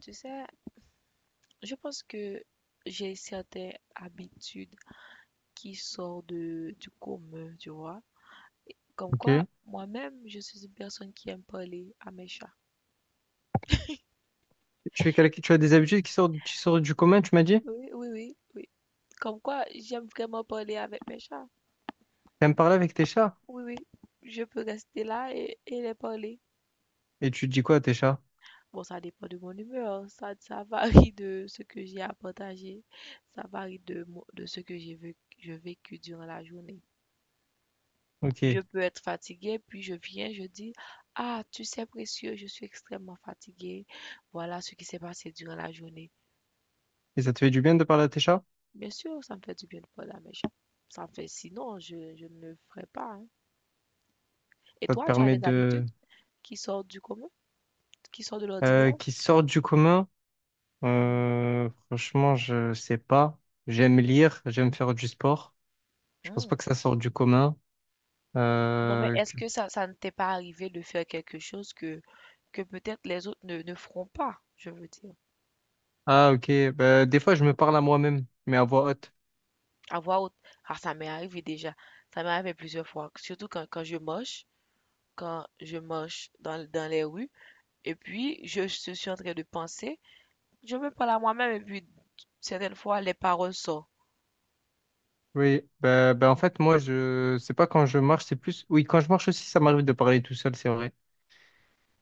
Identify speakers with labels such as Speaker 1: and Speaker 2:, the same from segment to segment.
Speaker 1: Tu sais, je pense que j'ai certaines habitudes qui sortent du commun, tu vois. Comme quoi,
Speaker 2: Ok.
Speaker 1: moi-même, je suis une personne qui aime parler à mes chats.
Speaker 2: Tu as des habitudes qui sortent du commun, tu m'as dit?
Speaker 1: Oui, oui, oui, oui. Comme quoi, j'aime vraiment parler avec mes chats.
Speaker 2: T'aimes parler avec tes chats?
Speaker 1: Oui, oui. Je peux rester là et les parler.
Speaker 2: Et tu dis quoi à tes chats?
Speaker 1: Bon, ça dépend de mon humeur. Ça varie de ce que j'ai à partager. Ça varie de ce que j'ai vécu durant la journée.
Speaker 2: Ok.
Speaker 1: Je
Speaker 2: Et
Speaker 1: peux être fatiguée, puis je viens, je dis, ah, tu sais, précieux, je suis extrêmement fatiguée. Voilà ce qui s'est passé durant la journée.
Speaker 2: ça te fait du bien de parler à tes chats?
Speaker 1: Bien sûr, ça me fait du bien de parler, mais ça me fait, sinon, je ne le ferai pas. Hein. Et
Speaker 2: Ça te
Speaker 1: toi, tu as
Speaker 2: permet
Speaker 1: des habitudes
Speaker 2: de...
Speaker 1: qui sortent du commun, qui sortent de l'ordinaire?
Speaker 2: Qui sortent du commun?
Speaker 1: Mhm.
Speaker 2: Franchement, je sais pas. J'aime lire, j'aime faire du sport. Je pense
Speaker 1: Hmm.
Speaker 2: pas que ça sorte du commun.
Speaker 1: Non, mais
Speaker 2: Euh,
Speaker 1: est-ce
Speaker 2: que-
Speaker 1: que ça ne t'est pas arrivé de faire quelque chose que, peut-être les autres ne feront pas, je veux dire.
Speaker 2: Ah, ok. Bah, des fois, je me parle à moi-même, mais à voix haute.
Speaker 1: Avoir, autre- ah, ça m'est arrivé déjà. Ça m'est arrivé plusieurs fois, surtout quand je moche. Quand je marche dans les rues. Et puis, je suis en train de penser. Je me parle à moi-même et puis, certaines fois, les paroles sortent.
Speaker 2: Oui. En fait, moi, C'est pas quand je marche, c'est plus... Oui, quand je marche aussi, ça m'arrive de parler tout seul, c'est vrai.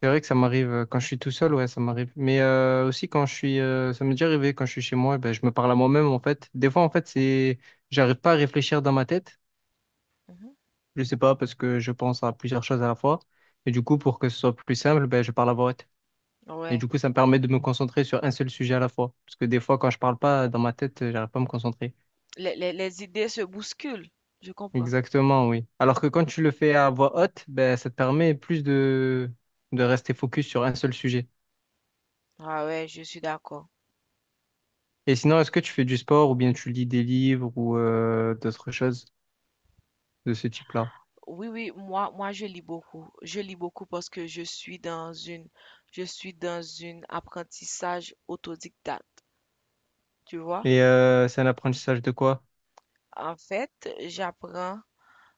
Speaker 2: C'est vrai que ça m'arrive quand je suis tout seul, ouais, ça m'arrive. Mais aussi quand je suis, ça m'est déjà arrivé quand je suis chez moi, eh ben, je me parle à moi-même en fait. Des fois, en fait, j'arrive pas à réfléchir dans ma tête.
Speaker 1: Mhm.
Speaker 2: Je sais pas parce que je pense à plusieurs choses à la fois. Et du coup, pour que ce soit plus simple, ben, je parle à voix haute. Et
Speaker 1: Ouais.
Speaker 2: du coup, ça me permet de me concentrer sur un seul sujet à la fois. Parce que des fois, quand je parle pas dans ma tête, j'arrive pas à me concentrer.
Speaker 1: Les idées se bousculent. Je comprends.
Speaker 2: Exactement, oui. Alors que quand tu le fais à voix haute, ben, ça te permet plus de rester focus sur un seul sujet.
Speaker 1: Ah ouais, je suis d'accord.
Speaker 2: Et sinon, est-ce que tu fais du sport ou bien tu lis des livres ou d'autres choses de ce type-là?
Speaker 1: Oui, oui, moi, je lis beaucoup. Je lis beaucoup parce que je suis dans une apprentissage autodidacte, tu vois.
Speaker 2: Et c'est un apprentissage de quoi?
Speaker 1: En fait, j'apprends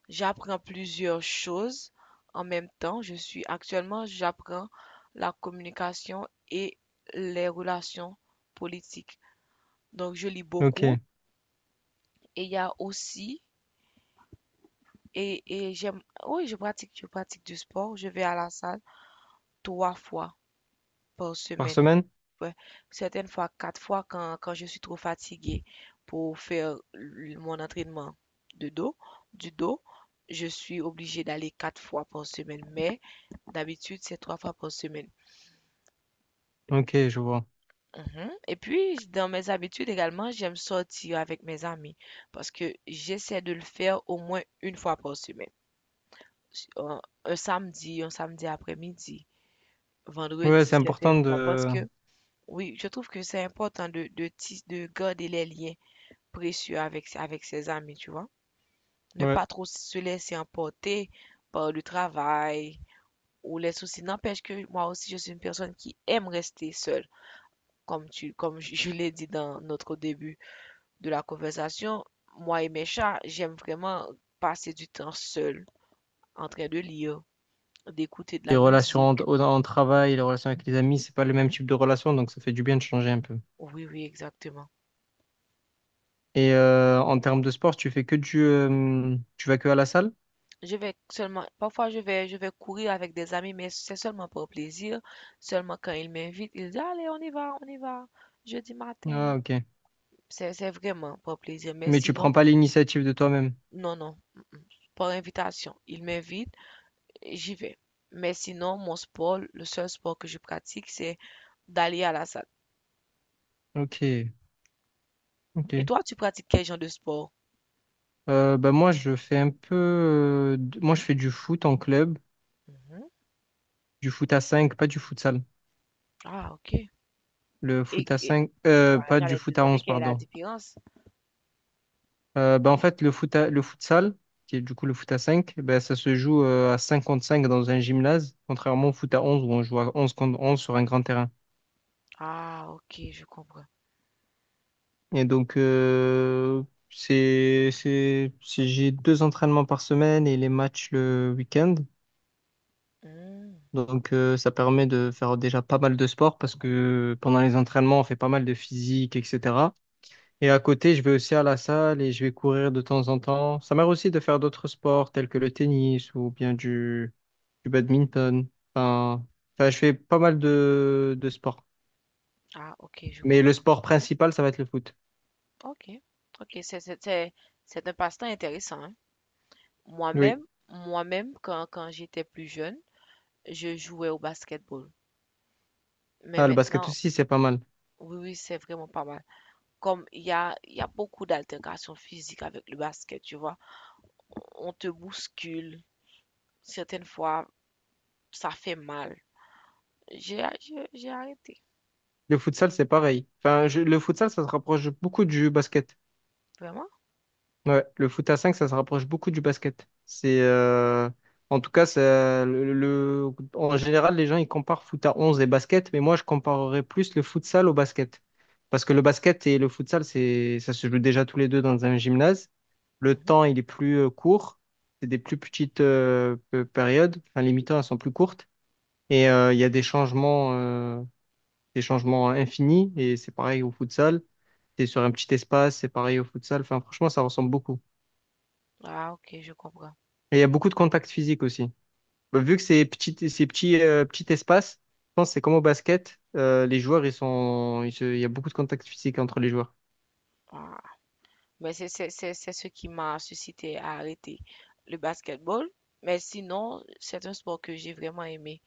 Speaker 1: J'apprends plusieurs choses en même temps. Je suis actuellement, j'apprends la communication et les relations politiques. Donc, je lis
Speaker 2: Ok.
Speaker 1: beaucoup et il y a aussi, et j'aime, oui, je pratique du sport. Je vais à la salle trois fois par
Speaker 2: Par
Speaker 1: semaine.
Speaker 2: semaine?
Speaker 1: Ouais, certaines fois, quatre fois quand, je suis trop fatiguée pour faire mon entraînement de dos, du dos, je suis obligée d'aller quatre fois par semaine. Mais d'habitude, c'est trois fois par semaine.
Speaker 2: Ok, je vois.
Speaker 1: Mhm. Et puis, dans mes habitudes également, j'aime sortir avec mes amis parce que j'essaie de le faire au moins une fois par semaine. Si, un samedi, un samedi après-midi,
Speaker 2: Ouais,
Speaker 1: vendredi
Speaker 2: c'est
Speaker 1: certaines
Speaker 2: important
Speaker 1: fois parce
Speaker 2: de...
Speaker 1: que, oui, je trouve que c'est important de garder les liens précieux avec ses amis, tu vois. Ne
Speaker 2: Ouais.
Speaker 1: pas trop se laisser emporter par le travail ou les soucis. N'empêche que moi aussi, je suis une personne qui aime rester seule. Comme je l'ai dit dans notre début de la conversation, moi et mes chats, j'aime vraiment passer du temps seul, en train de lire, d'écouter de
Speaker 2: Les
Speaker 1: la
Speaker 2: relations
Speaker 1: musique.
Speaker 2: en travail, les relations avec les amis, c'est pas le même type de relation, donc ça fait du bien de changer un peu.
Speaker 1: Oui, oui, exactement.
Speaker 2: Et en termes de sport, tu fais que du... tu vas que à la salle?
Speaker 1: Je vais seulement, parfois je vais courir avec des amis, mais c'est seulement pour plaisir. Seulement quand ils m'invitent, ils disent, allez, on y va, jeudi matin.
Speaker 2: Ah, ok.
Speaker 1: C'est vraiment pour plaisir. Mais
Speaker 2: Mais tu prends
Speaker 1: sinon,
Speaker 2: pas l'initiative de toi-même.
Speaker 1: non, non, par invitation. Ils m'invitent. J'y vais. Mais sinon, mon sport, le seul sport que je pratique, c'est d'aller à la salle.
Speaker 2: Ok, ok.
Speaker 1: Et toi, tu pratiques quel genre de sport?
Speaker 2: Bah moi, je fais un peu... moi, je fais du foot en club.
Speaker 1: Mhm.
Speaker 2: Du foot à 5 pas du futsal.
Speaker 1: Ah, ok.
Speaker 2: Le
Speaker 1: Et,
Speaker 2: foot à
Speaker 1: et
Speaker 2: 5
Speaker 1: ouais,
Speaker 2: pas du
Speaker 1: j'allais te
Speaker 2: foot à
Speaker 1: demander
Speaker 2: 11
Speaker 1: quelle est la
Speaker 2: pardon.
Speaker 1: différence.
Speaker 2: En fait, le futsal, qui est du coup le foot à 5 bah, ça se joue à 5 contre 5 dans un gymnase, contrairement au foot à onze où on joue à onze contre 11 sur un grand terrain.
Speaker 1: Ah, ok, je comprends.
Speaker 2: Et donc, j'ai deux entraînements par semaine et les matchs le week-end.
Speaker 1: Mm.
Speaker 2: Donc, ça permet de faire déjà pas mal de sport parce que pendant les entraînements, on fait pas mal de physique, etc. Et à côté, je vais aussi à la salle et je vais courir de temps en temps. Ça m'arrive aussi de faire d'autres sports tels que le tennis ou bien du badminton. Enfin, enfin, je fais pas mal de sports.
Speaker 1: Ah, ok, je
Speaker 2: Mais le
Speaker 1: comprends.
Speaker 2: sport principal, ça va être le foot.
Speaker 1: Ok, ok, c'est un passe-temps intéressant, hein.
Speaker 2: Oui.
Speaker 1: Moi-même, moi-même, quand j'étais plus jeune, je jouais au basketball. Mais
Speaker 2: Ah, le basket
Speaker 1: maintenant,
Speaker 2: aussi, c'est pas mal.
Speaker 1: oui, oui, c'est vraiment pas mal. Comme il y a beaucoup d'altérations physiques avec le basket, tu vois? On te bouscule, certaines fois, ça fait mal. J'ai arrêté.
Speaker 2: Le futsal, c'est pareil. Le futsal, ça se rapproche beaucoup du basket.
Speaker 1: Vraiment?
Speaker 2: Ouais, le foot à 5 ça se rapproche beaucoup du basket. C'est en tout cas, en général, les gens ils comparent foot à 11 et basket, mais moi je comparerais plus le futsal au basket. Parce que le basket et le futsal, ça se joue déjà tous les deux dans un gymnase. Le
Speaker 1: Mhm.
Speaker 2: temps, il est plus court. C'est des plus petites périodes. Enfin, les mi-temps, elles sont plus courtes. Et il y a des changements, des changements infinis. Et c'est pareil au futsal. C'est sur un petit espace, c'est pareil au futsal. Enfin, franchement, ça ressemble beaucoup.
Speaker 1: Ah, ok, je comprends.
Speaker 2: Et il y a beaucoup de contacts physiques aussi. Bah, vu que c'est petit, petit espace, je pense que c'est comme au basket. Les joueurs, ils sont, ils se- il y a beaucoup de contacts physiques entre les joueurs.
Speaker 1: Ah. Mais c'est ce qui m'a suscité à arrêter le basketball. Mais sinon, c'est un sport que j'ai vraiment aimé.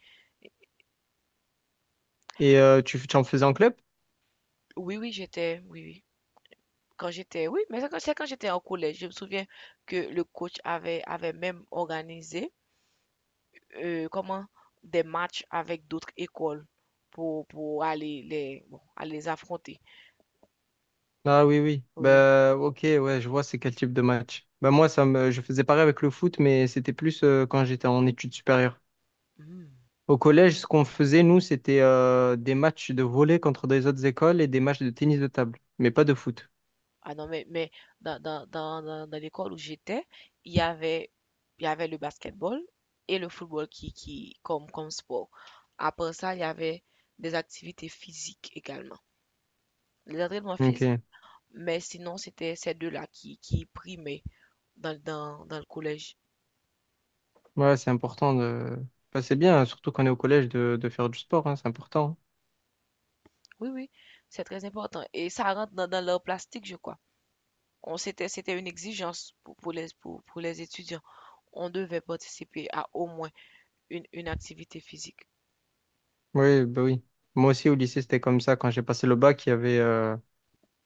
Speaker 2: Et tu en faisais en club?
Speaker 1: Oui, oui, j'étais, oui, oui. Quand j'étais, oui, mais c'est quand j'étais en collège. Je me souviens que le coach avait même organisé comment, des matchs avec d'autres écoles pour, bon, aller les affronter.
Speaker 2: Ah oui, oui.
Speaker 1: Oui, oui.
Speaker 2: Bah, ok, ouais, je vois c'est quel type de match. Bah, moi, je faisais pareil avec le foot, mais c'était plus quand j'étais en études supérieures.
Speaker 1: Hmm.
Speaker 2: Au collège, ce qu'on faisait, nous, c'était des matchs de volley contre des autres écoles et des matchs de tennis de table, mais pas de foot.
Speaker 1: Ah non, mais dans l'école où j'étais, il y avait, il y avait le basketball et le football qui, comme sport. Après ça, il y avait des activités physiques également. Les entraînements physiques,
Speaker 2: Ok.
Speaker 1: mais sinon, c'était ces deux-là qui primaient dans le collège.
Speaker 2: Ouais, c'est important de... Bah, c'est bien, hein, surtout quand on est au collège, de faire du sport, hein, c'est important.
Speaker 1: Oui, oui, c'est très important. Et ça rentre dans leur plastique, je crois. On c'était c'était une exigence pour les étudiants. On devait participer à au moins une activité physique.
Speaker 2: Oui, bah oui. Moi aussi, au lycée, c'était comme ça. Quand j'ai passé le bac,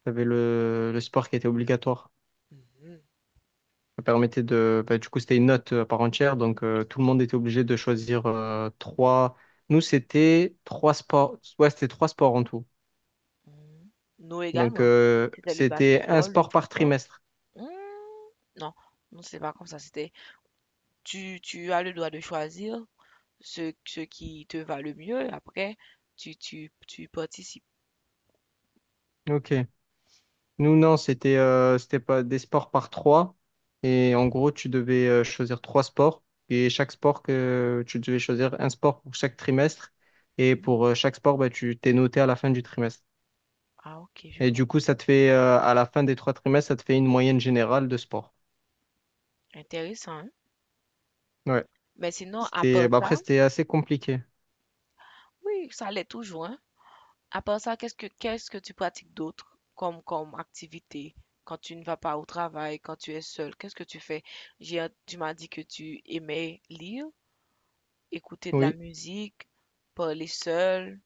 Speaker 2: il y avait le sport qui était obligatoire.
Speaker 1: Mhm.
Speaker 2: Ça permettait de... bah, du coup, c'était une note à part entière, donc tout le monde était obligé de choisir trois... Nous, c'était trois sports. Ouais, c'était trois sports en tout.
Speaker 1: Mhm. Nous
Speaker 2: Donc,
Speaker 1: également. C'était le
Speaker 2: c'était un
Speaker 1: basketball, le
Speaker 2: sport par
Speaker 1: football.
Speaker 2: trimestre.
Speaker 1: Mhm. Non, non, c'est pas comme ça. C'était tu tu as le droit de choisir ce qui te va le mieux. Après, tu participes.
Speaker 2: Ok. Nous, non, c'était c'était pas des sports par trois. Et en gros, tu devais choisir trois sports. Et chaque sport que tu devais choisir un sport pour chaque trimestre. Et pour chaque sport, bah, tu t'es noté à la fin du trimestre.
Speaker 1: Ah, ok, je
Speaker 2: Et
Speaker 1: vois.
Speaker 2: du coup, ça te fait, à la fin des trois trimestres, ça te fait une moyenne générale de sport.
Speaker 1: Intéressant, hein?
Speaker 2: Ouais.
Speaker 1: Mais sinon, à
Speaker 2: C'était,
Speaker 1: part
Speaker 2: bah, après,
Speaker 1: ça,
Speaker 2: c'était assez compliqué.
Speaker 1: oui, ça allait toujours, hein? À part ça, qu'est-ce que tu pratiques d'autre comme activité quand tu ne vas pas au travail, quand tu es seul? Qu'est-ce que tu fais? Tu m'as dit que tu aimais lire, écouter de la
Speaker 2: Oui.
Speaker 1: musique, parler seul.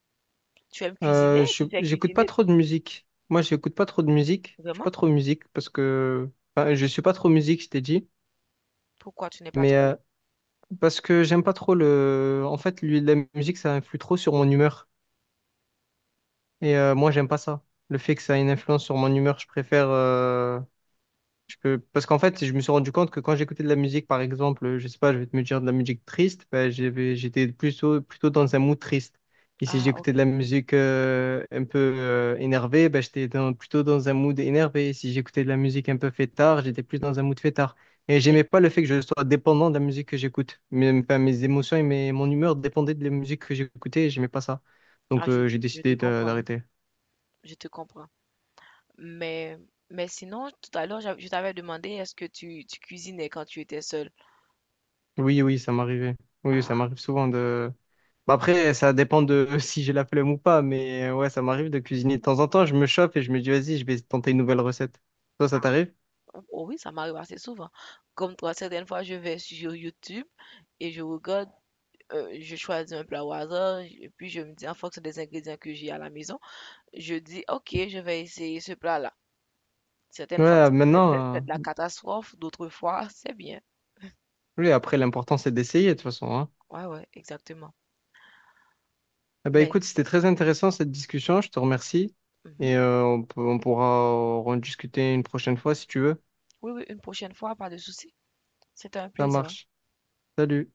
Speaker 1: Tu aimes cuisiner?
Speaker 2: Euh, je,
Speaker 1: Tu sais
Speaker 2: j'écoute pas
Speaker 1: cuisiner?
Speaker 2: trop de musique. Moi, j'écoute pas trop de musique. Je suis
Speaker 1: Vraiment?
Speaker 2: pas trop musique parce que enfin, je suis pas trop musique, je t'ai dit.
Speaker 1: Pourquoi tu n'es pas
Speaker 2: Mais
Speaker 1: trop?
Speaker 2: parce que j'aime pas trop le. En fait, lui, la musique, ça influe trop sur mon humeur. Et moi, j'aime pas ça. Le fait que ça ait une influence sur mon humeur, je préfère. Je peux... Parce qu'en fait, je me suis rendu compte que quand j'écoutais de la musique, par exemple, je sais pas, je vais te me dire de la musique triste, ben, j'étais plutôt dans un mood triste. Et si
Speaker 1: Ah,
Speaker 2: j'écoutais de la
Speaker 1: ok.
Speaker 2: musique un peu énervée, ben, j'étais plutôt dans un mood énervé. Et si j'écoutais de la musique un peu fêtard, j'étais plus dans un mood fêtard. Et
Speaker 1: Et-
Speaker 2: j'aimais pas le fait que je sois dépendant de la musique que j'écoute. Mes émotions et mon humeur dépendaient de la musique que j'écoutais et j'aimais pas ça. Donc
Speaker 1: ah, je,
Speaker 2: euh, j'ai
Speaker 1: je te
Speaker 2: décidé de-
Speaker 1: comprends. Hein.
Speaker 2: d'arrêter.
Speaker 1: Je te comprends. Mais mais sinon, tout à l'heure, je t'avais demandé est-ce que tu cuisinais quand tu étais seul?
Speaker 2: Oui, oui, ça m'arrivait. Oui, ça m'arrive souvent de... Bah après, ça dépend de si j'ai la flemme ou pas, mais ouais, ça m'arrive de cuisiner de temps en temps. Je me chauffe et je me dis, vas-y, je vais tenter une nouvelle recette. Toi, ça t'arrive?
Speaker 1: Oh oui, ça m'arrive assez souvent. Comme toi, certaines fois, je vais sur YouTube et je regarde, je choisis un plat au hasard, et puis je me dis, en fonction des ingrédients que j'ai à la maison, je dis, ok, je vais essayer ce plat-là. Certaines fois,
Speaker 2: Ouais,
Speaker 1: c'est c'est- c'est- c'est de la catastrophe, d'autres fois, c'est bien.
Speaker 2: oui, après, l'important, c'est d'essayer, de toute façon, hein.
Speaker 1: Ouais, ouais, exactement.
Speaker 2: Eh ben,
Speaker 1: Mais,
Speaker 2: écoute, c'était très intéressant cette discussion, je te remercie.
Speaker 1: mhm,
Speaker 2: Et on pourra en discuter une prochaine fois si tu veux.
Speaker 1: oui, oui, une prochaine fois, pas de souci. C'était un
Speaker 2: Ça
Speaker 1: plaisir.
Speaker 2: marche. Salut.